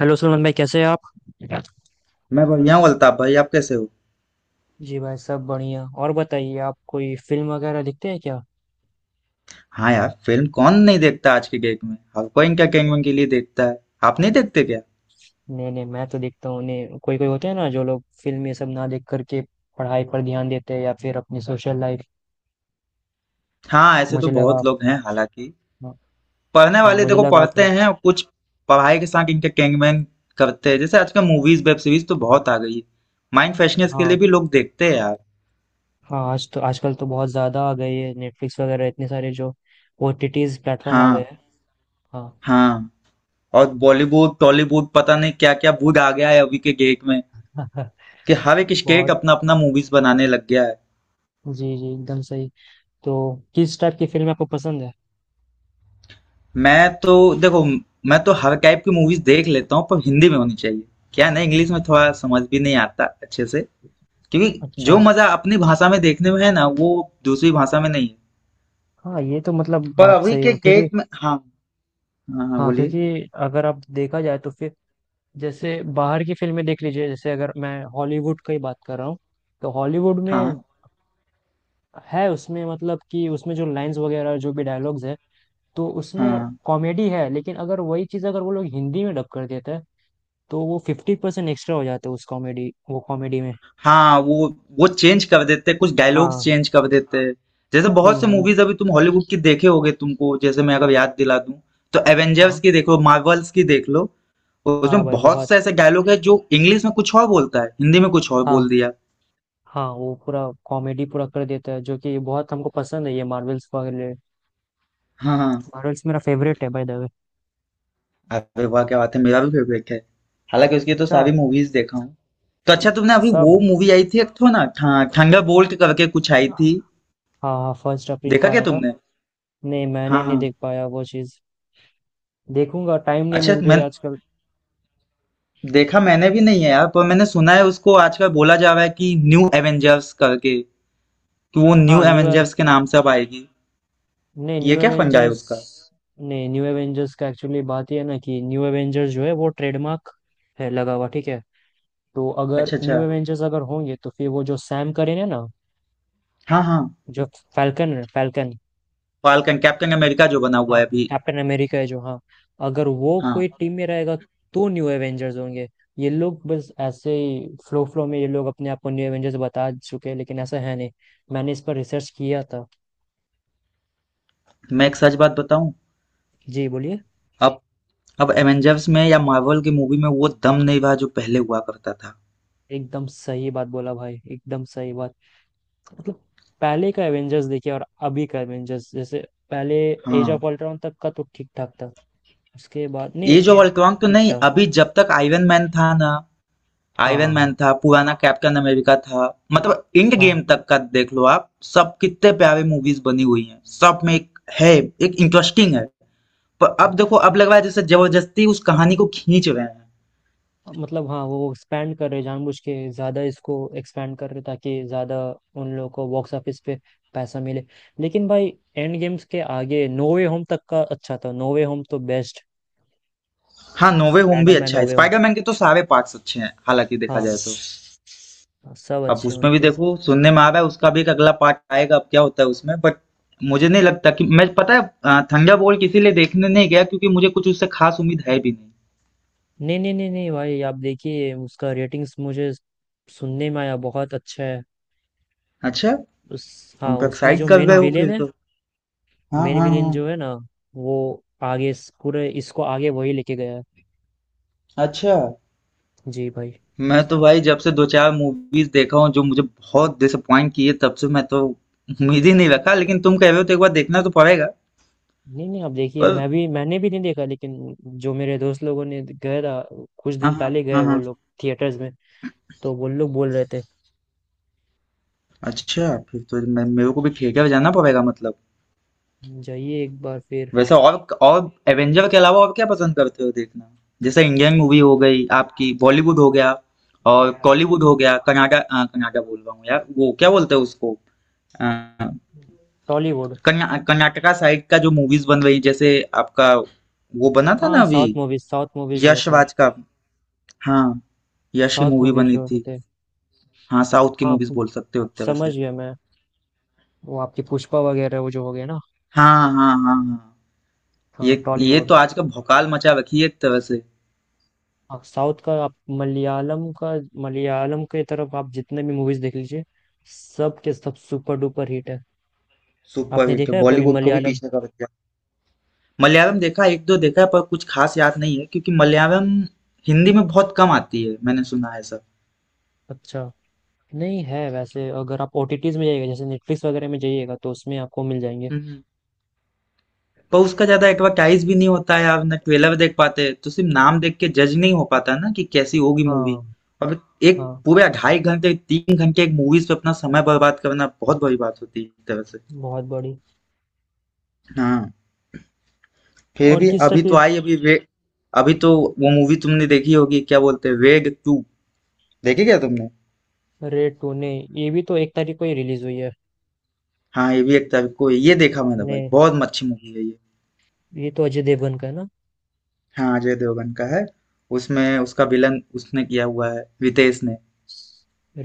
Hello Suman भाई, कैसे हैं आप? मैं बढ़िया हूँ, अल्ताफ भाई। आप कैसे हो? जी भाई, सब बढ़िया। और बताइए, आप कोई फिल्म वगैरह देखते हैं क्या? हाँ यार, फिल्म कौन नहीं देखता। आज के डेट में हर कोई इनका कैंगमैन के लिए देखता है। आप नहीं देखते क्या? नहीं नहीं, मैं तो देखता हूँ। नहीं, कोई कोई होते हैं ना जो लोग फिल्म ये सब ना देख करके पढ़ाई पर ध्यान देते हैं या फिर अपनी सोशल लाइफ। हाँ, ऐसे तो मुझे लगा बहुत आप। लोग हैं हालांकि। हाँ। पढ़ने हाँ, वाले मुझे देखो लगा आप पढ़ते उन- हैं और कुछ पढ़ाई के साथ इनका कैंगमैन करते हैं। जैसे आजकल मूवीज वेब सीरीज तो बहुत आ गई है। माइंड फ्रेशनेस के हाँ। लिए भी लोग देखते हैं यार। हाँ, आज तो आजकल तो बहुत ज़्यादा आ गई है। नेटफ्लिक्स वगैरह इतने सारे जो ओटीटीज प्लेटफॉर्म आ गए हाँ, हैं। हाँ। हाँ। और बॉलीवुड, टॉलीवुड, पता नहीं क्या क्या वुड आ गया है अभी के डेट में कि हर एक ये स्टेट बहुत। अपना अपना मूवीज बनाने लग गया है। जी जी, एकदम सही। तो किस टाइप की फिल्म आपको पसंद है? मैं तो देखो, मैं तो हर टाइप की मूवीज देख लेता हूँ, पर हिंदी में होनी चाहिए। क्या है ना, इंग्लिश में थोड़ा समझ भी नहीं आता अच्छे से। क्योंकि जो अच्छा। मजा अपनी भाषा में देखने में है ना, वो दूसरी भाषा में नहीं है। हाँ, ये तो मतलब पर बात अभी सही के है क्योंकि डेट में, हाँ। हाँ, हाँ, हाँ, बोलिए। क्योंकि अगर आप देखा जाए तो फिर जैसे बाहर की फिल्में देख लीजिए। जैसे अगर मैं हॉलीवुड की बात कर रहा हूँ तो हॉलीवुड हाँ, में है उसमें, मतलब कि उसमें जो लाइंस वगैरह जो भी डायलॉग्स है तो उसमें हाँ, कॉमेडी है, लेकिन अगर वही चीज़ अगर वो लोग हिंदी में डब कर देते हैं तो वो 50% एक्स्ट्रा हो जाता है उस कॉमेडी वो कॉमेडी में। हाँ। वो चेंज कर देते हैं, कुछ डायलॉग्स हाँ। चेंज कर देते हैं। जैसे हम्म बहुत से हम्म, मूवीज अभी तुम हॉलीवुड की देखे होगे, तुमको जैसे मैं अगर याद दिला दूं, तो एवेंजर्स हाँ। की देखो, मार्वल्स की देख लो। हाँ उसमें भाई, बहुत बहुत। से ऐसे डायलॉग है जो इंग्लिश में कुछ और बोलता है, हिंदी में कुछ और हाँ। बोल दिया। हाँ, वो पूरा कॉमेडी पूरा कर देता है, जो कि बहुत हमको पसंद है, ये मार्वल्स वगैरह। हाँ, हाँ। मार्वल्स मेरा फेवरेट है भाई, द वे। अरे वाह, क्या बात है! मेरा भी फेवरेट है। हालांकि उसकी तो अच्छा। सारी मूवीज देखा हूँ। तो अच्छा, तुमने अभी सब। वो मूवी आई थी एक तो ना, ठंगा बोल्ट करके कुछ आई हाँ। थी। हाँ, 1 अप्रैल को देखा क्या आया था। तुमने? नहीं, मैंने हाँ, नहीं हाँ। देख पाया वो चीज। देखूंगा, टाइम नहीं अच्छा, मिल मैं रही आजकल। देखा मैंने भी नहीं है यार, पर मैंने सुना है उसको आजकल बोला जा रहा है कि न्यू एवेंजर्स करके, कि वो न्यू हाँ, न्यू। एवेंजर्स के नाम से अब आएगी। नहीं, ये न्यू क्या फंडा है एवेंजर्स। उसका? नहीं, न्यू एवेंजर्स का एक्चुअली बात ये है ना कि न्यू एवेंजर्स जो है वो ट्रेडमार्क है लगा हुआ, ठीक है। तो अगर अच्छा, अच्छा। न्यू एवेंजर्स अगर होंगे तो फिर वो जो सैम करेन है ना हाँ, हाँ। जो फैल्कन है, फैल्कन। फाल्कन, कैप्टन अमेरिका जो बना हुआ हाँ। है अभी। कैप्टन अमेरिका है जो। हाँ। अगर वो कोई हाँ। टीम में रहेगा तो न्यू एवेंजर्स होंगे। ये लोग बस ऐसे ही फ्लो फ्लो में, ये लोग अपने आप को न्यू एवेंजर्स बता चुके हैं, लेकिन ऐसा है नहीं। मैंने इस पर रिसर्च किया था। मैं एक सच बात बताऊं? जी, बोलिए। अब अब एवेंजर्स में या मार्वल की मूवी में वो दम नहीं रहा जो पहले हुआ करता था। एकदम सही बात बोला भाई, एकदम सही बात। मतलब। पहले का एवेंजर्स देखिए और अभी का एवेंजर्स जैसे पहले एज हाँ, ऑफ अल्ट्रॉन तक का तो ठीक ठाक था। उसके बाद नहीं। Age of and. अल्ट्रॉन तो ठीक नहीं, था। अभी जब तक आयरन मैन था ना। हाँ आयरन मैन हाँ। था, पुराना कैप्टन अमेरिका था। मतलब इंड गेम हाँ तक का देख लो आप, सब कितने प्यारे मूवीज बनी हुई हैं, सब में एक है, एक इंटरेस्टिंग है। पर हाँ अब देखो, अब हाँ। लग रहा है जैसे जबरदस्ती उस कहानी को खींच रहे हैं। मतलब, हाँ, वो एक्सपैंड कर रहे हैं, जानबूझ के ज़्यादा इसको एक्सपैंड कर रहे हैं ताकि ज़्यादा उन लोगों को बॉक्स ऑफिस पे पैसा मिले। लेकिन भाई, एंड गेम्स के आगे नो वे होम तक का अच्छा था। नो वे होम तो बेस्ट। हाँ, नोवे होम भी स्पाइडरमैन अच्छा नो है, वे होम। स्पाइडरमैन के तो सारे पार्ट्स अच्छे हैं, हालांकि देखा हाँ। जाए तो। सब अब अच्छे हैं उसमें भी उनके। देखो, सुनने में आ रहा है उसका भी एक अगला पार्ट आएगा, अब क्या होता है उसमें, बट मुझे नहीं लगता कि मैं पता है, थंडर बोल्ट इसीलिए देखने नहीं गया क्योंकि मुझे कुछ उससे खास उम्मीद है भी नहीं। नहीं नहीं नहीं नहीं भाई, आप देखिए, उसका रेटिंग्स मुझे सुनने में आया, बहुत अच्छा है। अच्छा, उस हाँ, तुम तो उसमें एक्साइट जो कर मेन रहे हो विलेन फिर है तो। हाँ, मेन हाँ, विलेन हाँ। जो है ना, वो आगे पूरे इसको आगे वही लेके गया है। अच्छा, जी भाई। मैं तो भाई जब से दो चार मूवीज देखा हूँ जो मुझे बहुत डिसअपॉइंट किए, तब से मैं तो उम्मीद ही नहीं रखा, लेकिन तुम कह रहे हो तो एक बार देखना तो पड़ेगा। नहीं नहीं, आप देखिए, पर मैंने भी नहीं देखा, लेकिन जो मेरे दोस्त लोगों ने गए था कुछ हाँ, दिन हाँ, पहले, गए हाँ, वो हाँ। लोग थिएटर्स में, तो वो लोग बोल रहे थे। अच्छा, फिर तो मैं मेरे को भी थिएटर जाना पड़ेगा मतलब। जाइए एक बार फिर। वैसे, और एवेंजर के अलावा और क्या पसंद करते हो देखना? जैसे इंडियन मूवी हो गई आपकी, बॉलीवुड हो गया और कॉलीवुड हो गया, कर्नाटक बोल रहा हूँ यार, वो क्या बोलते हैं उसको। अ, टॉलीवुड। कर्नाटका साइड का जो मूवीज बन रही, जैसे आपका वो बना था ना हाँ, अभी, साउथ मूवीज, साउथ मूवीज जो यश होते हैं, राज का। हाँ, यश की साउथ मूवी मूवीज बनी जो थी। होते हैं। हाँ, साउथ की हाँ, मूवीज पु- बोल सकते हो एक तरह समझ से। गया मैं। वो आपकी पुष्पा वगैरह वो जो हो गया ना। हाँ, हाँ, हाँ, हाँ। हाँ, ये टॉलीवुड। तो आज का भौकाल मचा रखी है एक तरह से। हाँ, साउथ का, आप मलयालम का। मलयालम के तरफ आप जितने भी मूवीज देख लीजिए, सब के सब सुपर डुपर हिट है। सुपर आपने हिट, देखा है कभी बॉलीवुड को भी मलयालम? पीछे कर। मलयालम देखा, एक दो देखा है पर कुछ खास याद नहीं है, क्योंकि मलयालम हिंदी में बहुत कम आती है, मैंने सुना है सब। अच्छा। नहीं है वैसे, अगर आप ओटीटीज में जाइएगा, जैसे नेटफ्लिक्स वगैरह में जाइएगा, तो उसमें आपको मिल जाएंगे। हम्म। पर उसका ज्यादा एडवर्टाइज भी नहीं होता है, आप ना ट्रेलर देख पाते, तो सिर्फ नाम देख के जज नहीं हो पाता ना कि कैसी होगी मूवी। हाँ। अब एक हाँ, पूरे 2.5 घंटे, 3 घंटे एक मूवीज पे अपना समय बर्बाद करना बहुत बड़ी बात होती है एक तरह से। बहुत बड़ी। हाँ। फिर और भी किस टाइप अभी की? तो आई, अभी रे, अभी तो वो मूवी तुमने देखी होगी, क्या बोलते हैं, रेड 2। देखी क्या तुमने? रेड टू ने, ये भी तो 1 तारीख को ही रिलीज हुई है। हाँ, ये भी एक तरह को, ये देखा मैंने ने, भाई, बहुत अच्छी मूवी है ये। ये तो अजय देवगन का है ना। हाँ, अजय देवगन का है। उसमें उसका विलन उसने किया हुआ है, रितेश ने।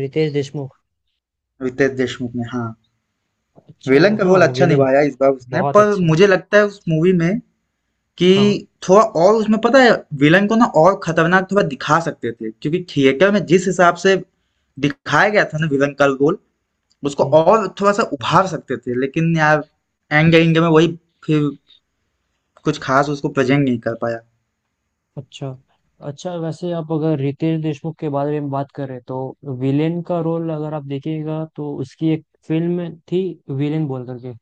रितेश देशमुख। रितेश देशमुख ने, हाँ। अच्छा, वो, विलन का हाँ, रोल वो अच्छा विलेन निभाया इस बार उसने, बहुत पर अच्छा है। मुझे लगता है उस मूवी में कि हाँ। थोड़ा और उसमें, पता है, विलन को ना और खतरनाक थोड़ा दिखा सकते थे, क्योंकि थिएटर में जिस हिसाब से दिखाया गया था ना विलन का रोल, उसको हम्म। और थोड़ा सा उभार सकते थे, लेकिन यार एंगे एंगे में वही, फिर कुछ खास उसको प्रेजेंट नहीं कर पाया। अच्छा। अच्छा, वैसे आप अगर रितेश देशमुख के बारे में बात करें तो विलेन का रोल अगर आप देखिएगा तो उसकी एक फिल्म थी, विलेन बोल करके।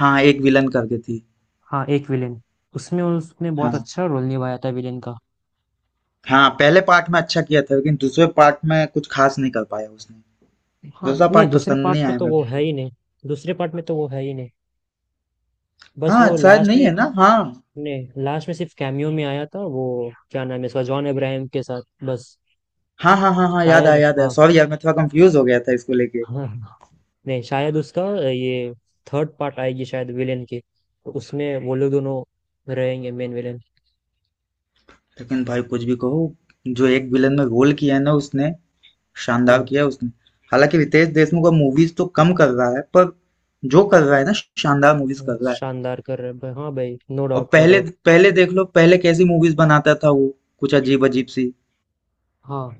हाँ, एक विलन करके थी। हाँ, एक विलेन। उसमें उसने बहुत हाँ, अच्छा रोल निभाया था विलेन का। हाँ, पहले पार्ट में अच्छा किया था लेकिन दूसरे पार्ट में कुछ खास नहीं कर पाया उसने। हाँ। दूसरा नहीं, पार्ट दूसरे पसंद पार्ट नहीं में आया तो वो मेरे है को। ही नहीं। दूसरे पार्ट में तो वो है ही नहीं, बस वो हाँ, शायद लास्ट नहीं में। है ना? हाँ। नहीं, लास्ट में सिर्फ कैमियो में आया था। वो क्या नाम है इसका, जॉन अब्राहम के साथ, बस। हाँ, हाँ, हाँ, हाँ, याद शायद आया याद आया। हाँ। सॉरी यार, मैं थोड़ा कंफ्यूज हो गया था इसको लेके। हाँ। नहीं शायद उसका ये थर्ड पार्ट आएगी शायद विलेन की, तो उसमें वो लोग दोनों रहेंगे मेन विलेन। लेकिन भाई कुछ भी कहो, जो एक विलन में रोल किया है ना उसने, शानदार हम्म। किया है उसने। हालांकि रितेश देशमुख अब मूवीज तो कम कर रहा है, पर जो कर रहा है ना, शानदार मूवीज कर रहा है। शानदार कर रहे हैं भाई, हाँ भाई, नो और डाउट, नो पहले डाउट। पहले देख लो, पहले कैसी मूवीज बनाता था वो, कुछ अजीब अजीब सी। हाँ।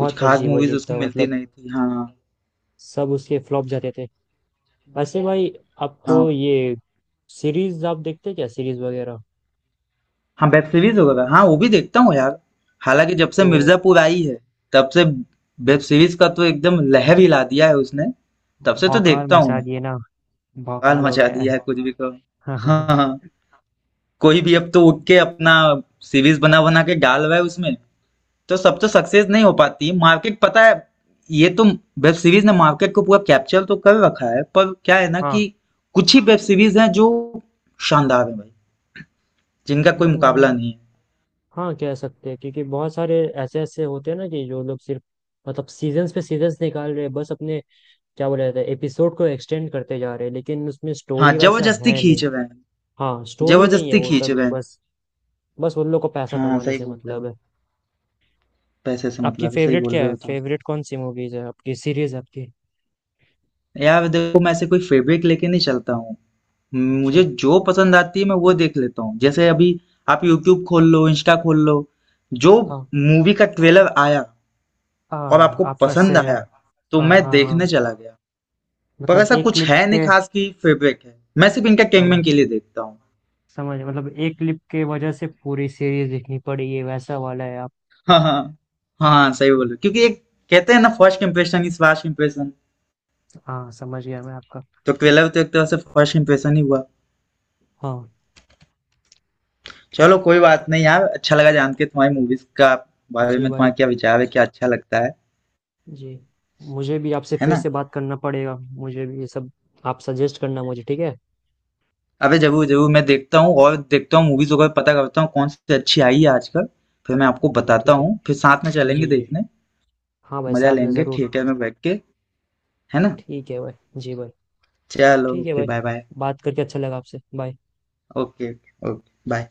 कुछ खास अजीब मूवीज अजीब उसको था मिलती मतलब। नहीं थी, हाँ। सब उसके फ्लॉप जाते थे। वैसे भाई, आपको हाँ, ये सीरीज आप देखते हैं क्या, सीरीज वगैरह? हाँ, वेब सीरीज़ वगैरह, हाँ, वो भी देखता हूँ यार। हालाँकि जब से तो मिर्ज़ापुर आई है, तब से वेब सीरीज़ का तो एकदम लहर हिला दिया है उसने। तब से तो भौकाल देखता हूँ मचा मैं। दिए ना। भोकाल भौकाल हो मचा गया दिया है कुछ भी कहो। है। हाँ, हाँ। कोई भी अब तो उठ के अपना सीरीज़ बना-बना के डाल रहा है उसमें, तो सब तो सक्सेस नहीं हो पाती। मार्केट पता है, ये तो वेब सीरीज़ ने मार्केट को पूरा कैप्चर तो कर रखा है, पर क्या है ना हाँ। कि कुछ ही वेब सीरीज़ हैं जो शानदार हैं भाई, जिनका कोई मुकाबला हम्म, नहीं है। हाँ, कह सकते हैं, क्योंकि बहुत सारे ऐसे ऐसे होते हैं ना कि जो लोग सिर्फ मतलब सीजन्स पे सीजन्स निकाल रहे हैं, बस अपने क्या बोला जाता है, एपिसोड को एक्सटेंड करते जा रहे हैं, लेकिन उसमें हाँ, स्टोरी वैसा ज़बरदस्ती है नहीं। खींच रहे हैं। हाँ, स्टोरी नहीं है जबरदस्ती वो खींच सब रहे में, हैं। बस बस उन लोग को पैसा हाँ, कमाने सही से बोल रहे मतलब हो। है। पैसे से आपकी मतलब है, सही फेवरेट बोल क्या रहे है? हो तुम। फेवरेट कौन सी मूवीज है आपकी, सीरीज आपकी? यार देखो, मैं ऐसे कोई फेब्रिक लेके नहीं चलता हूँ। अच्छा। मुझे जो पसंद आती है, मैं वो देख लेता हूँ। जैसे अभी आप यूट्यूब खोल लो, इंस्टा खोल लो, जो हाँ मूवी का ट्रेलर आया और हाँ, आपको आप वैसे, पसंद हाँ। आया, तो मैं हाँ हाँ। देखने चला गया। पर मतलब ऐसा एक कुछ क्लिप है नहीं के। खास की फेब्रिक है, मैं सिर्फ इनका हम। कैंगमैन के लिए देखता हूँ। समझ, मतलब एक क्लिप के वजह से पूरी सीरीज देखनी पड़ी, ये वैसा वाला है आप। हाँ, हाँ, हाँ, सही बोलो। क्योंकि एक कहते हैं ना, first impression is last impression. हाँ, समझ गया मैं आपका। तो ट्रेलर तो एक तरह से फर्स्ट इम्प्रेशन ही हुआ। हाँ। चलो कोई बात नहीं यार। अच्छा लगा जान के तुम्हारी मूवीज का बारे जी में भाई। तुम्हारा क्या विचार है, क्या अच्छा लगता है। जी। मुझे भी आपसे है फिर ना? से बात करना पड़ेगा, मुझे भी ये सब आप सजेस्ट करना मुझे, ठीक है। अबे जरूर जरूर, मैं देखता हूँ और देखता हूँ मूवीज वगैरह, पता करता हूँ कौन सी अच्छी आई है आजकल। फिर मैं आपको बताता ठीक है। हूँ, फिर साथ में चलेंगे जी जी। देखने। हाँ भाई, मजा साथ में लेंगे ज़रूर। थिएटर में बैठ के। है ना? ठीक है भाई। जी भाई। चलो, ठीक है ओके, भाई। Bye bye. बात करके अच्छा लगा आपसे। बाय। Okay, okay, bye.